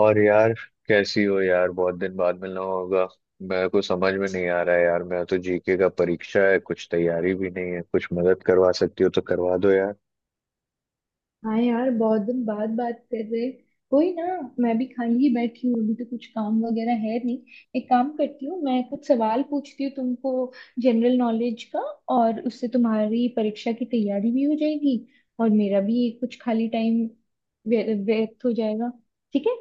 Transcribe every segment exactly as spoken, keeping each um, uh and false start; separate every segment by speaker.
Speaker 1: और यार, कैसी हो यार? बहुत दिन बाद मिलना होगा। मेरे को समझ में नहीं आ रहा है यार, मैं तो जीके का परीक्षा है, कुछ तैयारी भी नहीं है। कुछ मदद करवा सकती हो तो करवा दो यार।
Speaker 2: हाँ यार, बहुत दिन बाद बात कर रहे। कोई ना। मैं भी खाली ही बैठी हूँ, अभी तो कुछ काम वगैरह है नहीं। एक काम करती हूँ, मैं कुछ सवाल पूछती हूँ तुमको, जनरल नॉलेज का। और उससे तुम्हारी परीक्षा की तैयारी भी हो जाएगी और मेरा भी कुछ खाली टाइम व्यर्थ हो जाएगा। ठीक है।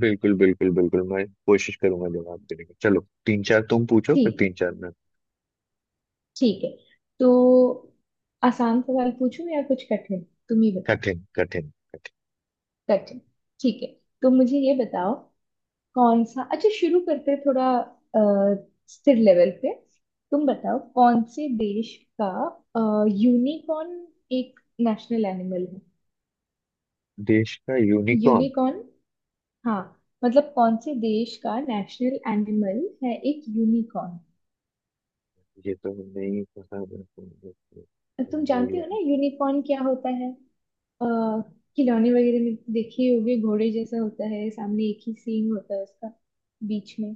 Speaker 1: बिल्कुल बिल्कुल बिल्कुल, मैं कोशिश करूंगा जवाब देने की। चलो तीन चार तुम पूछो, फिर
Speaker 2: ठीक है।
Speaker 1: तीन चार मैं।
Speaker 2: ठीक है। तो आसान सवाल पूछूं या कुछ कठिन, तुम ही बताओ।
Speaker 1: कठिन कठिन। कठिन।
Speaker 2: कठिन। ठीक है। तो मुझे ये बताओ, कौन सा, अच्छा, शुरू करते हैं थोड़ा अ, स्थिर लेवल पे। तुम बताओ कौन से देश का यूनिकॉर्न एक नेशनल एनिमल है।
Speaker 1: देश का यूनिकॉर्न?
Speaker 2: यूनिकॉर्न, हाँ। मतलब कौन से देश का नेशनल एनिमल है एक यूनिकॉर्न।
Speaker 1: ये तो नहीं पता मेरे
Speaker 2: तुम जानते हो ना
Speaker 1: को।
Speaker 2: यूनिकॉर्न क्या होता है? अ, खिलौने वगैरह में देखे ही होगे, घोड़े जैसा होता है, सामने एक ही सींग होता है उसका, बीच में।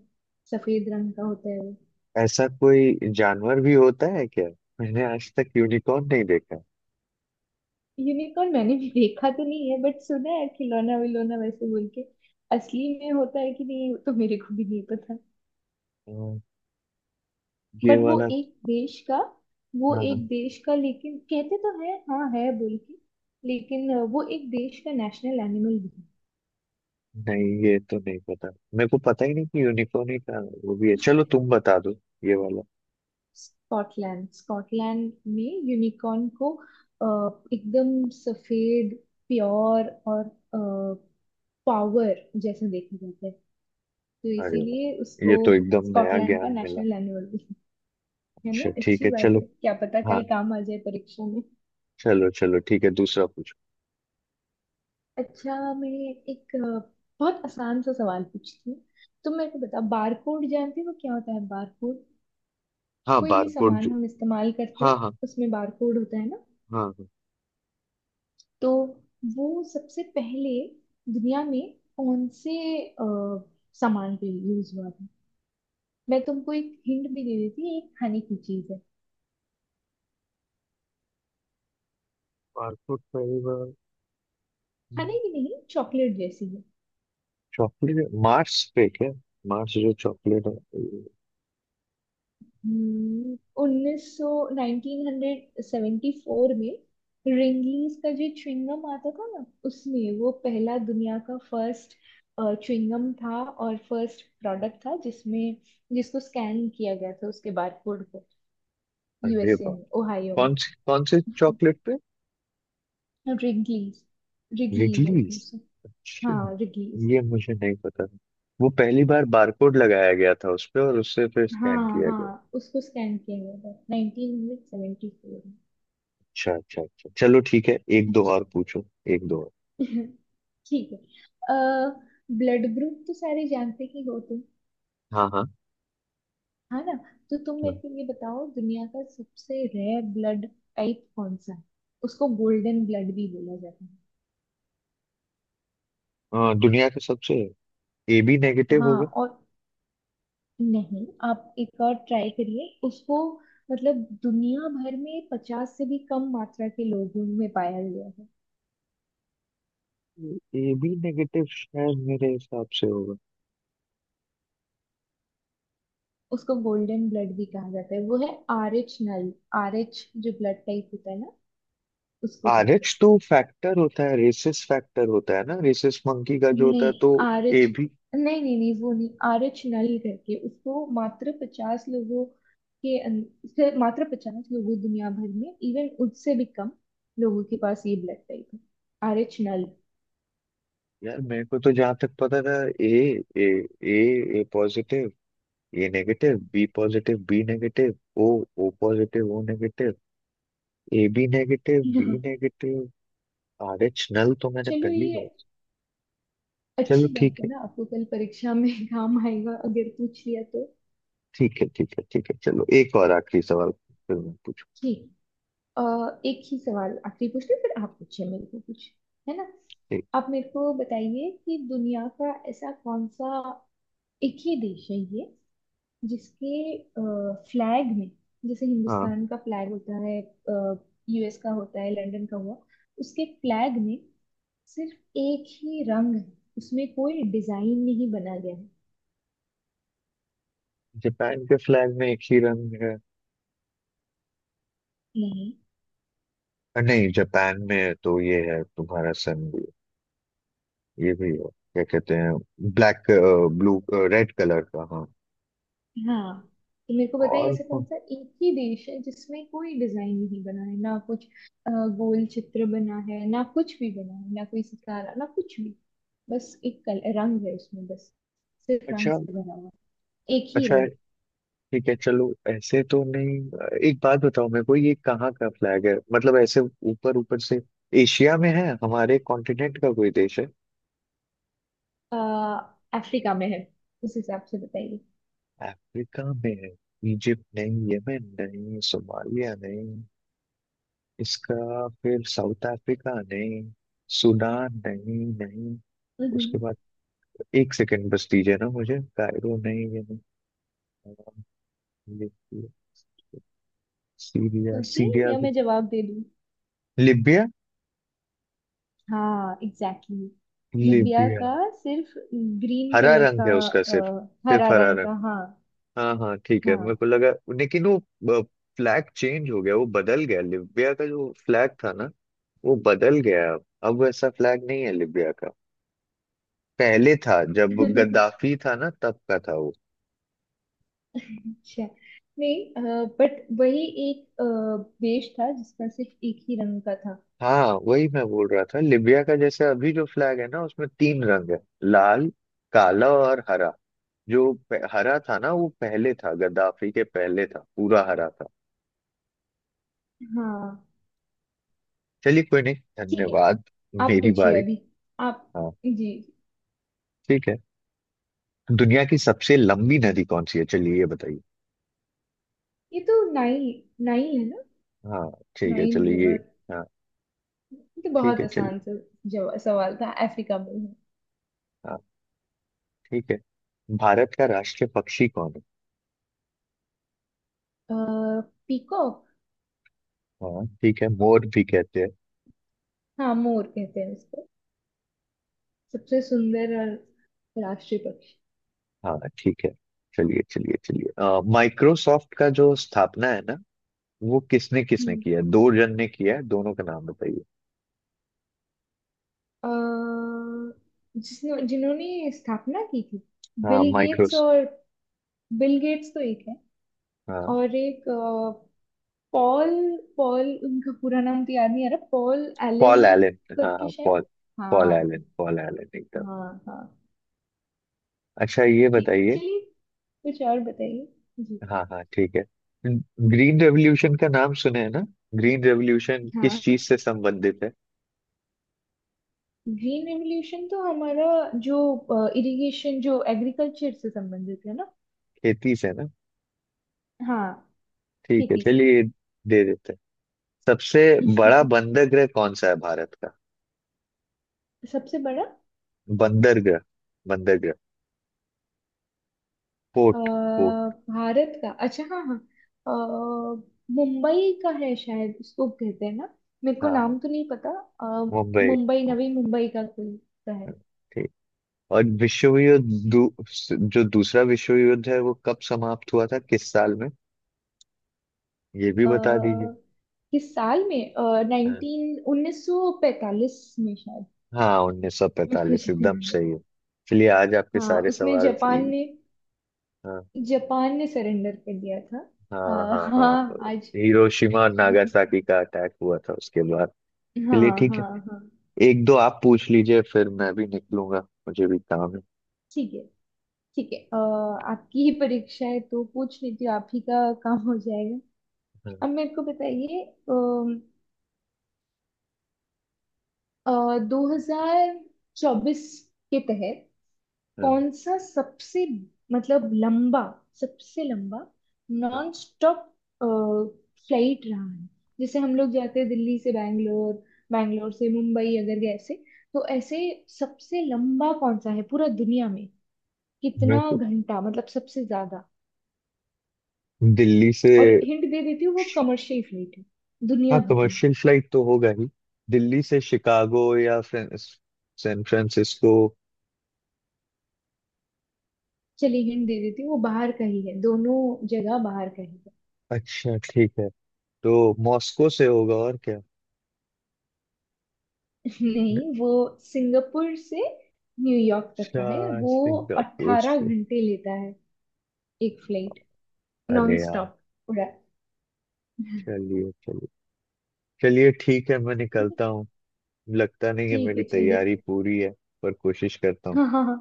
Speaker 2: सफेद रंग का होता है वो।
Speaker 1: ऐसा कोई जानवर भी होता है क्या? मैंने आज तक यूनिकॉर्न नहीं देखा।
Speaker 2: यूनिकॉर्न मैंने भी देखा तो नहीं है बट सुना है, खिलौना विलौना वैसे बोल के। असली में होता है कि नहीं वो तो मेरे को भी नहीं पता।
Speaker 1: अ, ये
Speaker 2: बट वो
Speaker 1: वाला।
Speaker 2: एक देश का, वो
Speaker 1: हाँ, हाँ।
Speaker 2: एक देश का, लेकिन कहते तो है हाँ है बोल के। लेकिन वो एक देश का नेशनल एनिमल भी है।
Speaker 1: नहीं, ये तो नहीं पता। मेरे को पता ही नहीं कि यूनिकॉर्न ही था। वो भी है, चलो तुम बता दो, ये वाला।
Speaker 2: स्कॉटलैंड, स्कॉटलैंड में यूनिकॉर्न को अ, एकदम सफेद, प्योर और पावर जैसे देखा जाता है, तो
Speaker 1: अरे
Speaker 2: इसीलिए
Speaker 1: वाह, ये
Speaker 2: उसको
Speaker 1: तो एकदम नया
Speaker 2: स्कॉटलैंड का
Speaker 1: ज्ञान मिला।
Speaker 2: नेशनल एनिमल भी है ना।
Speaker 1: अच्छा ठीक
Speaker 2: अच्छी
Speaker 1: है
Speaker 2: बात है,
Speaker 1: चलो।
Speaker 2: क्या पता
Speaker 1: हाँ,
Speaker 2: कल काम आ जाए परीक्षा में।
Speaker 1: चलो चलो ठीक है, दूसरा पूछो।
Speaker 2: अच्छा, मैं एक अ, बहुत आसान सा सवाल पूछती हूँ। तुम मेरे को बताओ, बारकोड जानते हो क्या होता है बारकोड?
Speaker 1: हाँ,
Speaker 2: कोई भी
Speaker 1: बारकोड
Speaker 2: सामान
Speaker 1: जो।
Speaker 2: हम इस्तेमाल करते
Speaker 1: हाँ,
Speaker 2: हैं
Speaker 1: हाँ।
Speaker 2: उसमें बारकोड होता है ना।
Speaker 1: हाँ, हाँ।
Speaker 2: तो वो सबसे पहले दुनिया में कौन से अ, सामान पे यूज हुआ था? मैं तुमको एक हिंट भी दे देती हूँ, ये एक खाने की चीज है।
Speaker 1: बारकोड पहली बार
Speaker 2: खाने की नहीं, चॉकलेट जैसी है।
Speaker 1: चॉकलेट मार्स पे क्या? मार्स जो चॉकलेट है।
Speaker 2: हम्म, उन्नीस सौ नाइनटीन हंड्रेड सेवेंटी फोर में रिंगलीज का जो च्युइंगम आता था ना, उसमें वो पहला, दुनिया का फर्स्ट च्युइंगम था और फर्स्ट प्रोडक्ट था जिसमें, जिसको स्कैन किया गया था उसके बारकोड को।
Speaker 1: अरे
Speaker 2: यूएसए
Speaker 1: वाह।
Speaker 2: में, ओहायो में।
Speaker 1: कौन सी, कौन से चॉकलेट पे?
Speaker 2: Wrigley's Wrigley's I
Speaker 1: Wrigley's?
Speaker 2: Think so.
Speaker 1: अच्छा,
Speaker 2: हाँ, रिगलीज।
Speaker 1: ये मुझे नहीं पता था। वो पहली बार बारकोड लगाया गया था उस पे, और उससे फिर स्कैन
Speaker 2: हाँ
Speaker 1: किया गया।
Speaker 2: हाँ, उसको स्कैन किया गया था नाइनटीन हंड्रेड सेवेंटी फोर में।
Speaker 1: अच्छा अच्छा अच्छा, चलो ठीक है, एक दो
Speaker 2: अच्छा
Speaker 1: और पूछो। एक दो और।
Speaker 2: ठीक है। अ, ब्लड ग्रुप तो सारे जानते ही हो तुम,
Speaker 1: हाँ, हाँ,
Speaker 2: है ना। तो तुम मेरे
Speaker 1: हाँ।
Speaker 2: को ये बताओ, दुनिया का सबसे रेयर ब्लड टाइप कौन सा है? उसको गोल्डन ब्लड भी बोला जाता है।
Speaker 1: अ, दुनिया का सबसे ए बी नेगेटिव
Speaker 2: हाँ
Speaker 1: होगा।
Speaker 2: और। नहीं, आप एक और ट्राई करिए उसको। मतलब दुनिया भर में पचास से भी कम मात्रा के लोगों में पाया गया है।
Speaker 1: ए बी नेगेटिव शायद, मेरे हिसाब से होगा।
Speaker 2: उसको गोल्डन ब्लड भी कहा जाता है, वो है R H null. R H जो ब्लड टाइप होता है ना उसको
Speaker 1: आर
Speaker 2: कहते हैं,
Speaker 1: एच तो फैक्टर होता है, रेसिस फैक्टर होता है ना, रेसिस मंकी का जो होता
Speaker 2: नहीं
Speaker 1: है तो। A
Speaker 2: RH,
Speaker 1: B.
Speaker 2: नहीं नहीं नहीं, वो नहीं। आरएच नल करके। उसको मात्र पचास लोगों के अं- से मात्र पचास लोगों, दुनिया भर में, इवन उससे भी कम लोगों के पास ये ब्लड टाइप है, आरएच नल।
Speaker 1: यार मेरे को तो जहां तक पता था, A A A A positive, ये negative, B positive, B negative, O, O positive, O negative, A B negative, B
Speaker 2: हाँ।
Speaker 1: नेगेटिव। आर एच नल तो मैंने
Speaker 2: चलो,
Speaker 1: पहली
Speaker 2: ये
Speaker 1: बार। चलो
Speaker 2: अच्छी
Speaker 1: ठीक
Speaker 2: बात है
Speaker 1: है
Speaker 2: ना, आपको कल परीक्षा में काम आएगा अगर पूछ लिया तो।
Speaker 1: ठीक है ठीक है ठीक है, चलो एक और आखिरी सवाल, फिर मैं पूछूं
Speaker 2: ठीक। अ, एक ही सवाल आखिरी पूछते हैं, फिर आप पूछिए मेरे को कुछ, है ना।
Speaker 1: एक।
Speaker 2: आप मेरे को बताइए कि दुनिया का ऐसा कौन सा एक ही देश है ये, जिसके फ्लैग में, जैसे
Speaker 1: हाँ।
Speaker 2: हिंदुस्तान का फ्लैग होता है, यूएस का होता है, लंदन का हुआ, उसके फ्लैग में सिर्फ एक ही रंग है, उसमें कोई डिजाइन नहीं बना गया है।
Speaker 1: जापान के फ्लैग में एक ही रंग है?
Speaker 2: नहीं।
Speaker 1: अ, नहीं, जापान में तो ये है तुम्हारा सन भी है, ये भी है, क्या कहते हैं, ब्लैक, ब्लू, रेड कलर का, हाँ।
Speaker 2: हाँ। तो मेरे को बताइए
Speaker 1: और
Speaker 2: ऐसा कौन
Speaker 1: कौन-
Speaker 2: सा एक ही देश है जिसमें कोई डिजाइन नहीं बना है ना कुछ अ, गोल चित्र बना है ना कुछ भी, बना है ना कोई सितारा ना कुछ भी, बस एक कल रंग है उसमें, बस सिर्फ रंग
Speaker 1: अच्छा
Speaker 2: से भरा हुआ, एक ही
Speaker 1: अच्छा
Speaker 2: रंग।
Speaker 1: ठीक है चलो, ऐसे तो नहीं। एक बात बताओ मेरे को, ये कहाँ का फ्लैग है, मतलब ऐसे ऊपर ऊपर से, एशिया में है हमारे कॉन्टिनेंट का? कोई देश है
Speaker 2: अफ्रीका में है, उस हिसाब से बताइए।
Speaker 1: अफ्रीका में है? इजिप्ट नहीं, यमन नहीं, सोमालिया नहीं, इसका फिर साउथ अफ्रीका नहीं, सूडान नहीं नहीं, उसके
Speaker 2: हम्म,
Speaker 1: बाद एक सेकंड बस दीजिए ना मुझे, कायरो नहीं, ये नहीं, लिबिया, सीरिया,
Speaker 2: सोचिए
Speaker 1: सीरिया
Speaker 2: या
Speaker 1: भी,
Speaker 2: मैं जवाब दे दूं?
Speaker 1: लिबिया।
Speaker 2: हाँ एग्जैक्टली exactly। लिबिया
Speaker 1: लिबिया,
Speaker 2: का सिर्फ ग्रीन
Speaker 1: हरा
Speaker 2: कलर
Speaker 1: रंग
Speaker 2: का,
Speaker 1: है उसका, सिर्फ
Speaker 2: अ,
Speaker 1: सिर्फ
Speaker 2: हरा
Speaker 1: हरा
Speaker 2: रंग
Speaker 1: रंग।
Speaker 2: का, हाँ।
Speaker 1: हाँ हाँ ठीक है, मेरे
Speaker 2: हाँ।
Speaker 1: को लगा, लेकिन वो फ्लैग चेंज हो गया, वो बदल गया। लिबिया का जो फ्लैग था ना, वो बदल गया है अब अब वैसा फ्लैग नहीं है लिबिया का। पहले था जब गद्दाफी था ना, तब का था वो।
Speaker 2: अच्छा। नहीं बट वही एक अ, देश था जिसका सिर्फ एक ही रंग का था।
Speaker 1: हाँ वही मैं बोल रहा था। लिबिया का जैसे अभी जो फ्लैग है ना, उसमें तीन रंग है, लाल, काला और हरा। जो प- हरा था ना, वो पहले था, गद्दाफी के पहले था, पूरा हरा था।
Speaker 2: हाँ
Speaker 1: चलिए, कोई नहीं,
Speaker 2: ठीक है,
Speaker 1: धन्यवाद।
Speaker 2: आप
Speaker 1: मेरी
Speaker 2: पूछिए
Speaker 1: बारी।
Speaker 2: अभी, आप।
Speaker 1: हाँ
Speaker 2: जी जी।
Speaker 1: ठीक है। दुनिया की सबसे लंबी नदी कौन सी है, चलिए ये बताइए।
Speaker 2: ये तो नाइल, नाइल है ना।
Speaker 1: हाँ, ठीक है
Speaker 2: नाइल
Speaker 1: चलिए ये।
Speaker 2: रिवर।
Speaker 1: हाँ,
Speaker 2: ये तो
Speaker 1: ठीक
Speaker 2: बहुत
Speaker 1: है चलिए।
Speaker 2: आसान सा जवा- सवाल था, अफ्रीका में है।
Speaker 1: हाँ ठीक है। भारत का राष्ट्रीय पक्षी कौन है?
Speaker 2: पीकॉक।
Speaker 1: हाँ ठीक है, मोर भी कहते हैं।
Speaker 2: हाँ, मोर कहते हैं उसको, सबसे सुंदर और राष्ट्रीय पक्षी।
Speaker 1: हाँ ठीक है, चलिए चलिए चलिए। अ, माइक्रोसॉफ्ट का जो स्थापना है ना, वो किसने किसने
Speaker 2: हम्म
Speaker 1: किया है? दो जन ने किया है, दोनों का नाम बताइए।
Speaker 2: अ, जिसने जिन्होंने स्थापना की थी,
Speaker 1: हाँ,
Speaker 2: बिल गेट्स
Speaker 1: माइक्रोस।
Speaker 2: और, बिल गेट्स तो एक है,
Speaker 1: हाँ,
Speaker 2: और एक पॉल, पॉल, उनका पूरा नाम तो याद नहीं आ रहा, पॉल
Speaker 1: पॉल
Speaker 2: एलन
Speaker 1: एलन, हाँ
Speaker 2: करके
Speaker 1: हाँ
Speaker 2: शायद।
Speaker 1: पॉल। पॉल
Speaker 2: हाँ
Speaker 1: एलन, पॉल एलन एकदम।
Speaker 2: हाँ हाँ।
Speaker 1: अच्छा ये
Speaker 2: ठीक,
Speaker 1: बताइए।
Speaker 2: चलिए कुछ और बताइए। जी।
Speaker 1: हाँ हाँ ठीक है। ग्रीन रेवोल्यूशन का नाम सुने हैं ना? ग्रीन रेवोल्यूशन किस
Speaker 2: हाँ,
Speaker 1: चीज से संबंधित है?
Speaker 2: ग्रीन रेवोल्यूशन तो हमारा जो इरिगेशन जो एग्रीकल्चर से संबंधित है ना।
Speaker 1: खेती से ना।
Speaker 2: हाँ,
Speaker 1: ठीक है
Speaker 2: खेती से।
Speaker 1: चलिए, ये दे देते हैं। सबसे बड़ा बंदरगाह कौन सा है भारत का?
Speaker 2: सबसे बड़ा,
Speaker 1: बंदरगाह, बंदरगाह,
Speaker 2: अ,
Speaker 1: पोर्ट, पोर्ट।
Speaker 2: भारत का, अच्छा हाँ हाँ। अ, मुंबई का है शायद, उसको कहते हैं ना, मेरे को
Speaker 1: हाँ हाँ,
Speaker 2: नाम तो नहीं पता। अ,
Speaker 1: मुंबई।
Speaker 2: मुंबई, नवी मुंबई का कोई, का है।
Speaker 1: ठीक। और विश्व युद्ध, दू, जो दूसरा विश्व युद्ध है, वो कब समाप्त हुआ था, किस साल में, ये भी बता दीजिए।
Speaker 2: अ, किस साल में,
Speaker 1: हाँ,
Speaker 2: नाइनटीन उन्नीस सौ पैतालीस में शायद।
Speaker 1: हाँ, उन्नीस सौ
Speaker 2: मेरे को
Speaker 1: पैंतालीस
Speaker 2: जो
Speaker 1: एकदम
Speaker 2: याद है।
Speaker 1: सही है। चलिए आज आपके
Speaker 2: हाँ,
Speaker 1: सारे
Speaker 2: उसमें
Speaker 1: सवाल।
Speaker 2: जापान ने,
Speaker 1: हाँ
Speaker 2: जापान ने सरेंडर कर दिया था।
Speaker 1: हाँ
Speaker 2: अ,
Speaker 1: हाँ। हाँ, हाँ।
Speaker 2: हाँ आज।
Speaker 1: हिरोशिमा और नागासाकी का अटैक हुआ था उसके बाद।
Speaker 2: हाँ
Speaker 1: चलिए ठीक है।
Speaker 2: हाँ हाँ।
Speaker 1: एक दो आप पूछ लीजिए, फिर मैं भी निकलूंगा, मुझे भी काम है।
Speaker 2: ठीक है। ठीक है, अ, आपकी ही परीक्षा है तो पूछ लीजिए, आप ही का काम हो जाएगा।
Speaker 1: हाँ,
Speaker 2: अब मेरे को बताइए, दो हजार चौबीस के तहत
Speaker 1: हाँ,
Speaker 2: कौन सा सबसे, मतलब लंबा, सबसे लंबा
Speaker 1: हाँ।
Speaker 2: नॉन स्टॉप फ्लाइट रहा है। जैसे हम लोग जाते हैं दिल्ली से बैंगलोर, बैंगलोर से मुंबई, अगर गए ऐसे तो, ऐसे सबसे लंबा कौन सा है पूरा दुनिया में,
Speaker 1: मैं
Speaker 2: कितना
Speaker 1: तो
Speaker 2: घंटा मतलब सबसे ज्यादा।
Speaker 1: दिल्ली से,
Speaker 2: और हिंट दे देती हूँ, वो कमर्शियल फ्लाइट है, दुनिया
Speaker 1: हाँ,
Speaker 2: भर में।
Speaker 1: कमर्शियल फ्लाइट तो होगा ही। दिल्ली से शिकागो, या फ्रां- सैन फ्रांसिस्को।
Speaker 2: चलिए हिंट दे देती हूँ वो बाहर का ही है, दोनों जगह बाहर का ही है।
Speaker 1: अच्छा ठीक है, तो मॉस्को से होगा, और क्या? अच्छा,
Speaker 2: नहीं, वो सिंगापुर से न्यूयॉर्क तक का है वो।
Speaker 1: सिंगापुर
Speaker 2: अट्ठारह
Speaker 1: से?
Speaker 2: घंटे लेता है एक फ्लाइट, नॉन
Speaker 1: अरे यार!
Speaker 2: स्टॉप उड़ा। ठीक
Speaker 1: चलिए चलिए, चलिए ठीक है मैं
Speaker 2: है।
Speaker 1: निकलता हूँ। लगता नहीं है
Speaker 2: ठीक
Speaker 1: मेरी
Speaker 2: है
Speaker 1: तैयारी
Speaker 2: चलिए।
Speaker 1: पूरी है, पर कोशिश करता हूँ।
Speaker 2: हाँ हाँ हाँ।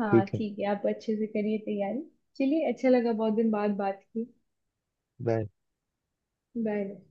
Speaker 2: हाँ
Speaker 1: ठीक है,
Speaker 2: ठीक है, आप अच्छे से करिए तैयारी। चलिए, अच्छा लगा बहुत दिन बाद बात की।
Speaker 1: बाय।
Speaker 2: बाय।